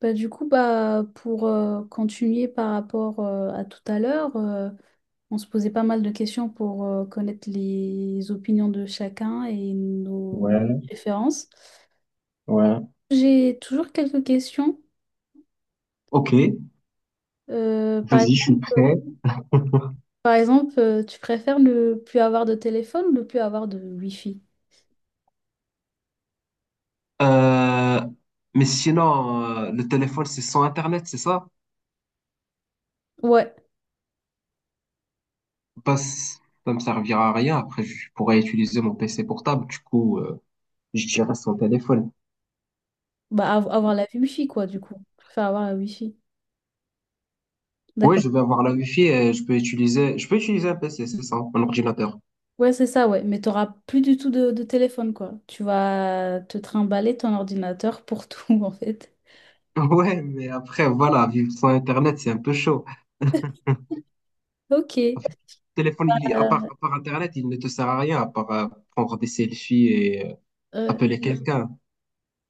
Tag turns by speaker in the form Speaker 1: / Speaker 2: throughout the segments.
Speaker 1: Bah, du coup, pour continuer par rapport à tout à l'heure, on se posait pas mal de questions pour connaître les opinions de chacun et nos
Speaker 2: Ouais,
Speaker 1: préférences.
Speaker 2: ouais.
Speaker 1: J'ai toujours quelques questions.
Speaker 2: Ok,
Speaker 1: Euh, par
Speaker 2: vas-y, je suis
Speaker 1: exemple,
Speaker 2: prêt.
Speaker 1: par exemple, tu préfères ne plus avoir de téléphone ou ne plus avoir de Wi-Fi?
Speaker 2: Euh, mais sinon, le téléphone, c'est sans Internet, c'est ça?
Speaker 1: Ouais,
Speaker 2: Bah, ça me servira à rien. Après, je pourrais utiliser mon PC portable. Du coup, je dirais sans téléphone.
Speaker 1: bah, avoir la Wi-Fi, quoi, du coup. Je préfère avoir la Wi-Fi.
Speaker 2: Oui,
Speaker 1: D'accord.
Speaker 2: je vais avoir la Wi-Fi et je peux utiliser un PC, c'est ça, un ordinateur.
Speaker 1: Ouais, c'est ça, ouais. Mais t'auras plus du tout de téléphone, quoi. Tu vas te trimballer ton ordinateur pour tout, en fait.
Speaker 2: Ouais, mais après, voilà, vivre sans Internet, c'est un peu chaud.
Speaker 1: Ok.
Speaker 2: Après, le téléphone, à part Internet, il ne te sert à rien, à part prendre des selfies et
Speaker 1: Euh,
Speaker 2: appeler quelqu'un.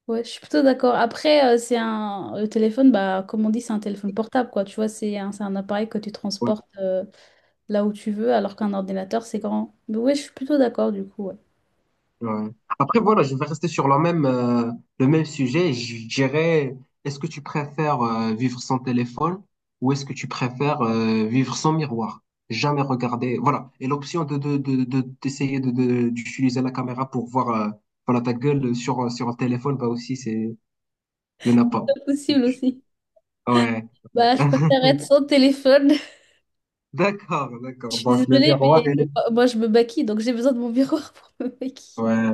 Speaker 1: ouais, je suis plutôt d'accord. Après, c'est un... Le téléphone, bah, comme on dit, c'est un téléphone portable, quoi. Tu vois, c'est un appareil que tu
Speaker 2: Ouais.
Speaker 1: transportes là où tu veux, alors qu'un ordinateur, c'est grand. Mais ouais, je suis plutôt d'accord, du coup, ouais.
Speaker 2: Ouais. Après, voilà, je vais rester sur le même sujet. Je dirais, est-ce que tu préfères vivre sans téléphone ou est-ce que tu préfères vivre sans miroir? Jamais regarder. Voilà. Et l'option d'essayer d'utiliser la caméra pour voir voilà, ta gueule sur un téléphone, bah aussi, c'est, il n'y en a pas.
Speaker 1: Pas possible aussi.
Speaker 2: Ouais.
Speaker 1: Bah, je préfère être sans téléphone.
Speaker 2: D'accord,
Speaker 1: Je
Speaker 2: d'accord.
Speaker 1: suis
Speaker 2: Donc, le
Speaker 1: désolée,
Speaker 2: miroir,
Speaker 1: mais
Speaker 2: il est...
Speaker 1: moi, je me maquille, donc j'ai besoin de mon miroir pour me maquiller.
Speaker 2: Ouais.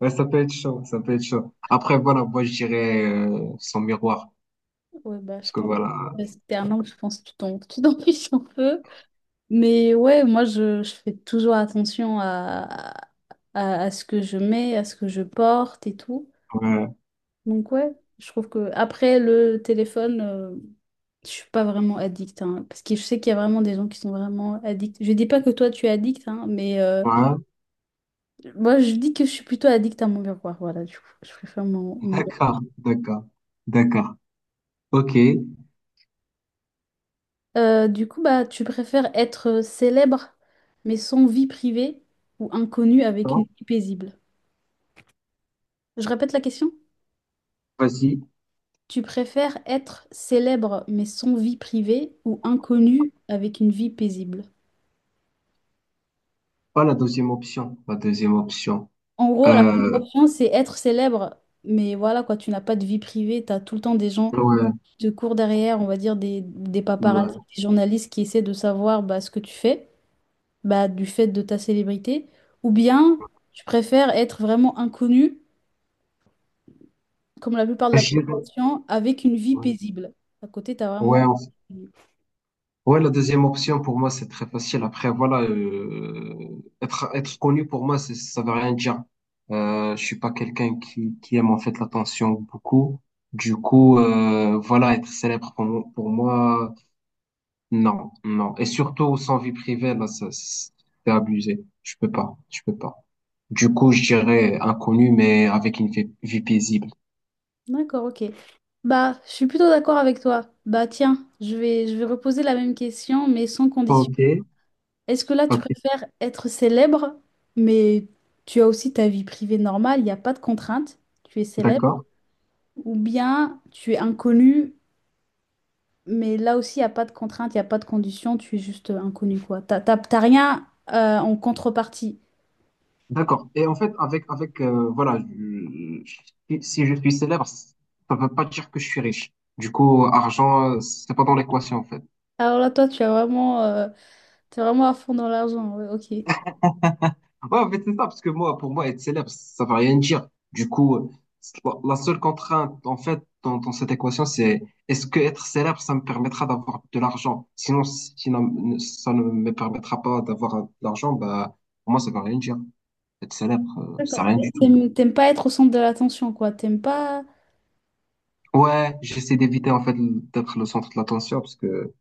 Speaker 2: Ouais, ça peut être chaud, ça peut être chaud. Après, voilà, moi, je dirais sans miroir.
Speaker 1: Ouais, bah, je
Speaker 2: Parce que
Speaker 1: pense
Speaker 2: voilà,
Speaker 1: que c'était un an, je pense que tu t'en fiches un peu. Mais ouais, moi, je fais toujours attention à ce que je mets, à ce que je porte et tout.
Speaker 2: ouais,
Speaker 1: Donc ouais, je trouve que après le téléphone, je suis pas vraiment addict, hein, parce que je sais qu'il y a vraiment des gens qui sont vraiment addicts. Je dis pas que toi, tu es addict, hein, mais
Speaker 2: ouais,
Speaker 1: moi, je dis que je suis plutôt addict à mon miroir. Voilà, du coup, je préfère mon
Speaker 2: d'accord, d'accord, d'accord. Ok,
Speaker 1: Du coup, tu préfères être célèbre mais sans vie privée ou inconnu avec une
Speaker 2: bon,
Speaker 1: vie paisible? Je répète la question.
Speaker 2: vas-y.
Speaker 1: Tu préfères être célèbre mais sans vie privée ou inconnu avec une vie paisible?
Speaker 2: Pas la deuxième option, la deuxième option.
Speaker 1: En gros, la première
Speaker 2: Euh,
Speaker 1: option, c'est être célèbre, mais voilà quoi, tu n'as pas de vie privée, tu as tout le temps des gens
Speaker 2: ouais,
Speaker 1: qui te courent derrière, on va dire des paparazzi,
Speaker 2: ouais.
Speaker 1: des journalistes qui essaient de savoir bah, ce que tu fais, bah, du fait de ta célébrité. Ou bien, tu préfères être vraiment inconnu comme la plupart de la
Speaker 2: Je dirais-
Speaker 1: population, avec une vie
Speaker 2: ouais,
Speaker 1: paisible. À côté, tu as vraiment...
Speaker 2: ouais, ouais, la deuxième option pour moi c'est très facile. Après, voilà, être connu pour moi, ça veut rien dire. Je suis pas quelqu'un qui aime en fait l'attention beaucoup. Du coup, voilà, être célèbre pour moi, pour moi. Non, non. Et surtout, sans vie privée, là, ça, c'est abusé. Je peux pas, je peux pas. Du coup, je dirais inconnu, mais avec une vie paisible.
Speaker 1: D'accord, ok. Bah, je suis plutôt d'accord avec toi. Bah, tiens, je vais reposer la même question, mais sans condition.
Speaker 2: Ok,
Speaker 1: Est-ce que là, tu
Speaker 2: ok,
Speaker 1: préfères être célèbre, mais tu as aussi ta vie privée normale, il n'y a pas de contrainte, tu es célèbre,
Speaker 2: d'accord,
Speaker 1: ou bien tu es inconnu, mais là aussi, il n'y a pas de contrainte, il n'y a pas de condition, tu es juste inconnu, quoi. T'as rien en contrepartie.
Speaker 2: d'accord. Et en fait, voilà, si je suis célèbre, ça veut pas dire que je suis riche. Du coup, argent, c'est pas dans l'équation, en fait.
Speaker 1: Alors là, toi, tu as vraiment... T'es vraiment à fond dans l'argent, ouais, ok.
Speaker 2: Ouais, en fait, c'est ça, parce que moi, pour moi, être célèbre, ça veut rien dire. Du coup, c'est- la seule contrainte, en fait, dans cette équation, c'est est-ce que être célèbre, ça me permettra d'avoir de l'argent? Sinon, ça ne me permettra pas d'avoir de l'argent, bah, pour moi, ça veut rien dire. Être célèbre, c'est
Speaker 1: D'accord.
Speaker 2: rien du tout.
Speaker 1: T'aimes pas être au centre de l'attention, quoi. T'aimes pas...
Speaker 2: Ouais, j'essaie d'éviter, en fait, d'être le centre de l'attention, parce que,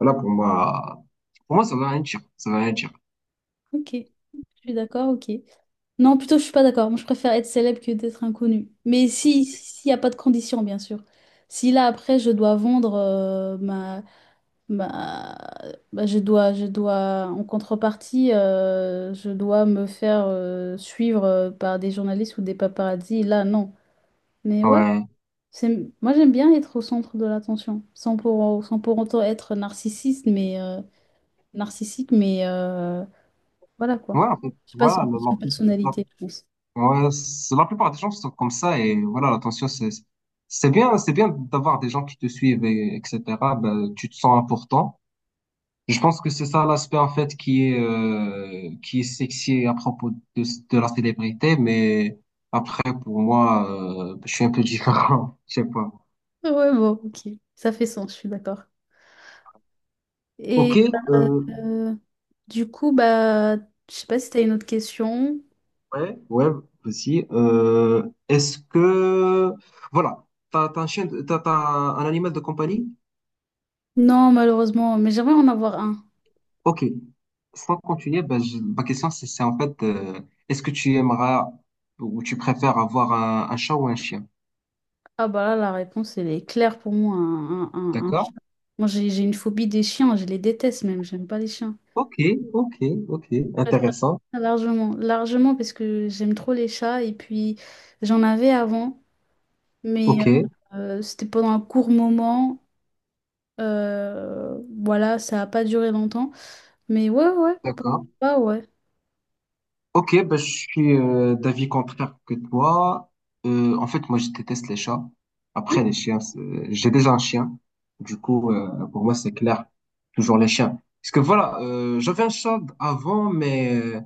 Speaker 2: voilà, pour moi, ça veut rien dire. Ça veut rien dire.
Speaker 1: Ok. Je suis d'accord, ok. Non, plutôt, je suis pas d'accord. Moi, je préfère être célèbre que d'être inconnu. Mais si, s'il n'y a pas de condition, bien sûr. Si là, après, je dois vendre ma... bah, je dois, en contrepartie, je dois me faire suivre par des journalistes ou des paparazzis, là, non. Mais ouais.
Speaker 2: Ouais.
Speaker 1: C'est- Moi, j'aime bien être au centre de l'attention, sans pour autant être narcissiste, mais narcissique, mais voilà quoi.
Speaker 2: Ouais, en fait,
Speaker 1: Je passe
Speaker 2: voilà,
Speaker 1: une question de
Speaker 2: la,
Speaker 1: personnalité, je pense.
Speaker 2: ouais, la plupart des gens sont comme ça et voilà, l'attention, c'est bien d'avoir des gens qui te suivent et etc. Ben, tu te sens important. Je pense que c'est ça l'aspect en fait qui est sexy à propos de, de la célébrité, mais après pour moi, je suis un peu différent, je sais pas.
Speaker 1: Ouais, bon, ok. Ça fait sens, je suis d'accord.
Speaker 2: Ok,
Speaker 1: Et euh,
Speaker 2: euh,
Speaker 1: euh, du coup, bah, je sais pas si t'as une autre question.
Speaker 2: ouais, ouais, aussi. Est-ce que voilà, t'as un chien, t'as un animal de compagnie?
Speaker 1: Non, malheureusement, mais j'aimerais en avoir un.
Speaker 2: Ok, sans continuer, ben, ma question c'est en fait, est-ce que tu aimeras ou tu préfères avoir un chat ou un chien?
Speaker 1: Ah bah là, la réponse, elle est claire pour moi. Un
Speaker 2: D'accord?
Speaker 1: chien. Moi, j'ai une phobie des chiens, je les déteste même, j'aime pas les chiens.
Speaker 2: Ok, ok, ok, intéressant.
Speaker 1: Largement, largement parce que j'aime trop les chats et puis j'en avais avant, mais
Speaker 2: Ok,
Speaker 1: euh, c'était pendant un court moment. euh, voilà, ça a pas duré longtemps. Mais ouais,
Speaker 2: d'accord.
Speaker 1: ah ouais.
Speaker 2: Ok, ben, je suis d'avis contraire que toi. En fait, moi je déteste les chats.
Speaker 1: Hum.
Speaker 2: Après les chiens, j'ai déjà un chien. Du coup, pour moi c'est clair, toujours les chiens. Parce que voilà, j'avais un chat avant.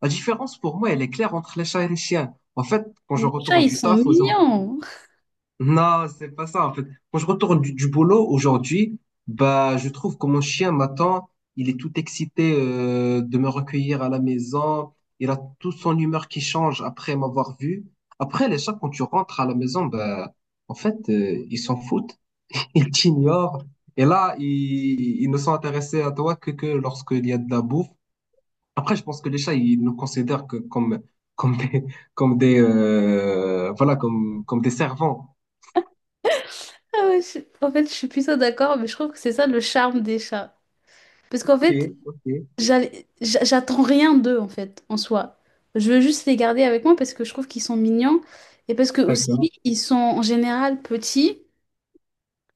Speaker 2: La différence pour moi, elle est claire entre les chats et les chiens. En fait, quand
Speaker 1: Mais
Speaker 2: je
Speaker 1: les chats,
Speaker 2: retourne
Speaker 1: ils
Speaker 2: du
Speaker 1: sont
Speaker 2: taf aujourd'hui,
Speaker 1: mignons.
Speaker 2: non, c'est pas ça. En fait, quand je retourne du boulot aujourd'hui, bah, je trouve que mon chien m'attend. Il est tout excité de me recueillir à la maison. Il a toute son humeur qui change après m'avoir vu. Après, les chats, quand tu rentres à la maison, bah, en fait, ils s'en foutent. Ils t'ignorent. Et là, ils ne sont intéressés à toi que lorsqu'il y a de la bouffe après, je pense que les chats, ils nous considèrent que comme des, comme des servants.
Speaker 1: Ah ouais, je- En fait, je suis plutôt d'accord, mais je trouve que c'est ça le charme des chats. Parce
Speaker 2: Ok,
Speaker 1: qu'en fait,
Speaker 2: ok,
Speaker 1: j'attends rien d'eux, en fait, en soi. Je veux juste les garder avec moi parce que je trouve qu'ils sont mignons et parce que
Speaker 2: d'accord.
Speaker 1: aussi, ils sont en général petits.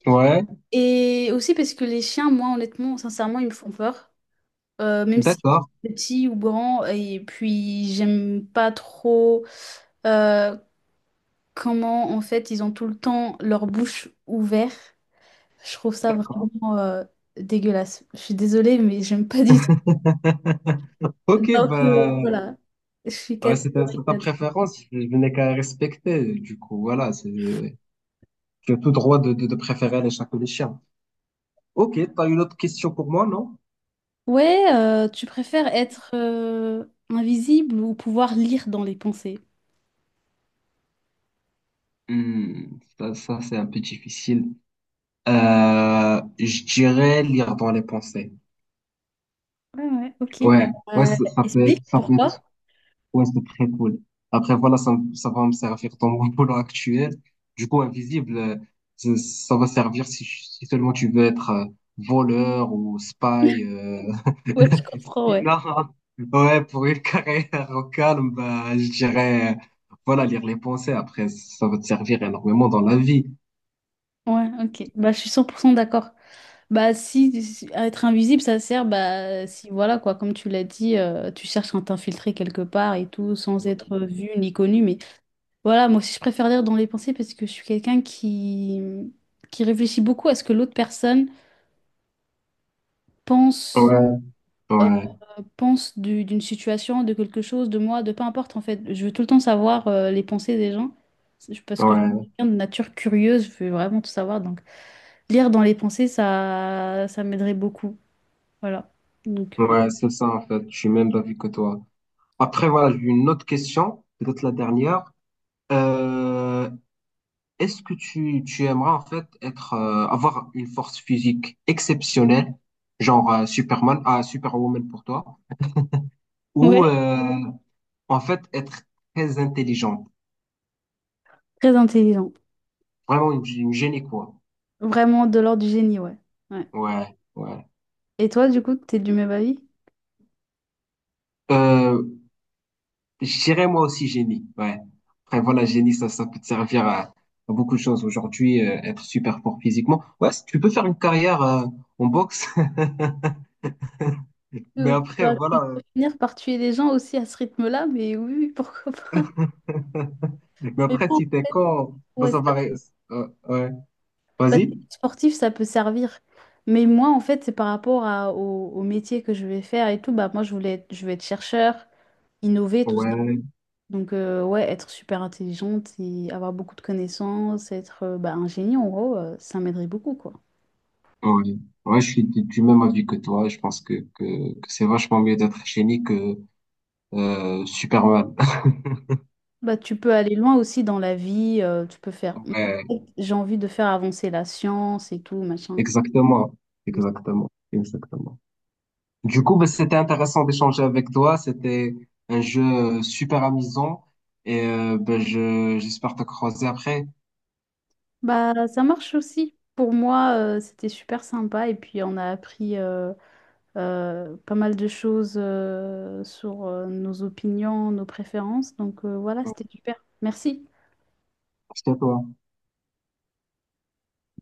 Speaker 2: Ouais,
Speaker 1: Et aussi parce que les chiens, moi, honnêtement, sincèrement, ils me font peur. Même si
Speaker 2: d'accord,
Speaker 1: petits ou grands. Et puis, j'aime pas trop euh, comment, en fait, ils ont tout le temps leur bouche ouverte. Je trouve ça
Speaker 2: d'accord.
Speaker 1: vraiment dégueulasse. Je suis désolée, mais j'aime pas du tout.
Speaker 2: Ok,
Speaker 1: Donc,
Speaker 2: bah,
Speaker 1: voilà. Je suis
Speaker 2: ouais, c'est ta,
Speaker 1: catégorique
Speaker 2: c'est ta
Speaker 1: là-dessus.
Speaker 2: préférence, je n'ai qu'à respecter. Du coup, voilà, tu as tout droit de préférer les chats que les chiens. Ok, t'as une autre question pour moi, non?
Speaker 1: Ouais, tu préfères être invisible ou pouvoir lire dans les pensées?
Speaker 2: Ça c'est un peu difficile. Je dirais lire dans les pensées.
Speaker 1: Ouais, ouais, ok.
Speaker 2: Ouais, ouais,
Speaker 1: Euh,
Speaker 2: ça ça peut être,
Speaker 1: explique
Speaker 2: ça peut
Speaker 1: pourquoi?
Speaker 2: être, ouais, c'est très cool. Après, voilà, ça va me servir dans mon boulot actuel. Du coup, invisible, ça va servir si seulement tu veux être voleur ou spy.
Speaker 1: Ouais, je comprends, ouais.
Speaker 2: Sinon, ouais, pour une carrière au calme, bah, je dirais, voilà, lire les pensées. Après, ça va te servir énormément dans la vie.
Speaker 1: Ouais, ok. Bah, je suis 100% d'accord. Bah, si, si- à être invisible, ça sert, bah, si, voilà, quoi, comme tu l'as dit, tu cherches à t'infiltrer quelque part et tout, sans être vu ni connu. Mais voilà, moi aussi, je préfère lire dans les pensées parce que je suis quelqu'un qui réfléchit beaucoup à ce que l'autre personne pense,
Speaker 2: Ouais,
Speaker 1: euh,
Speaker 2: ouais,
Speaker 1: pense d'une situation, de quelque chose, de moi, de peu importe, en fait. Je veux tout le temps savoir les pensées des gens. C'est- parce que je
Speaker 2: ouais,
Speaker 1: suis quelqu'un de nature curieuse, je veux vraiment tout savoir. Donc. Lire dans les pensées, ça ça m'aiderait beaucoup. Voilà. Donc. Euh,
Speaker 2: ouais, c'est ça en fait, je suis même d'avis que toi. Après, voilà, j'ai une autre question, peut-être la dernière. Euh, Est-ce que tu aimerais en fait avoir une force physique exceptionnelle, genre Superman, ah, Superwoman pour toi, ou
Speaker 1: Ouais.
Speaker 2: en fait être très intelligente?
Speaker 1: Très intelligent.
Speaker 2: Vraiment une génie, quoi.
Speaker 1: Vraiment de l'ordre du génie, ouais. Ouais.
Speaker 2: Ouais, ouais.
Speaker 1: Et toi, du coup, t'es du même avis?
Speaker 2: Euh, je dirais moi aussi génie, ouais. Après, voilà, génie, ça peut te servir à beaucoup de choses. Aujourd'hui, être super fort physiquement. Ouais, tu peux faire une carrière en boxe, mais
Speaker 1: Euh,
Speaker 2: après,
Speaker 1: ça va
Speaker 2: voilà.
Speaker 1: finir par tuer les gens aussi à ce rythme-là, mais oui, oui, pourquoi pas.
Speaker 2: Mais
Speaker 1: Mais
Speaker 2: après,
Speaker 1: bon,
Speaker 2: si t'es con, bah,
Speaker 1: ouais, ça,
Speaker 2: ça va, ouais.
Speaker 1: parce
Speaker 2: Vas-y.
Speaker 1: que sportif, ça peut servir. Mais moi, en fait, c'est par rapport à, au, au métier que je vais faire et tout. Bah, moi, je vais être chercheur, innover, tout ça.
Speaker 2: Ouais,
Speaker 1: Donc, ouais, être super intelligente et avoir beaucoup de connaissances, être bah, un génie, en gros, ça m'aiderait beaucoup, quoi.
Speaker 2: ouais. Ouais, je suis du même avis que toi. Je pense que c'est vachement mieux d'être génie que Superman.
Speaker 1: Bah, tu peux aller loin aussi dans la vie, tu peux faire...
Speaker 2: Ouais.
Speaker 1: J'ai envie de faire avancer la science et tout, machin.
Speaker 2: Exactement, exactement, exactement. Du coup, bah, c'était intéressant d'échanger avec toi. C'était un jeu super amusant et bah, j'espère te croiser après.
Speaker 1: Bah, ça marche aussi. Pour moi, c'était super sympa et puis on a appris pas mal de choses sur nos opinions, nos préférences. Donc, voilà, c'était super. Merci.
Speaker 2: Merci à toi.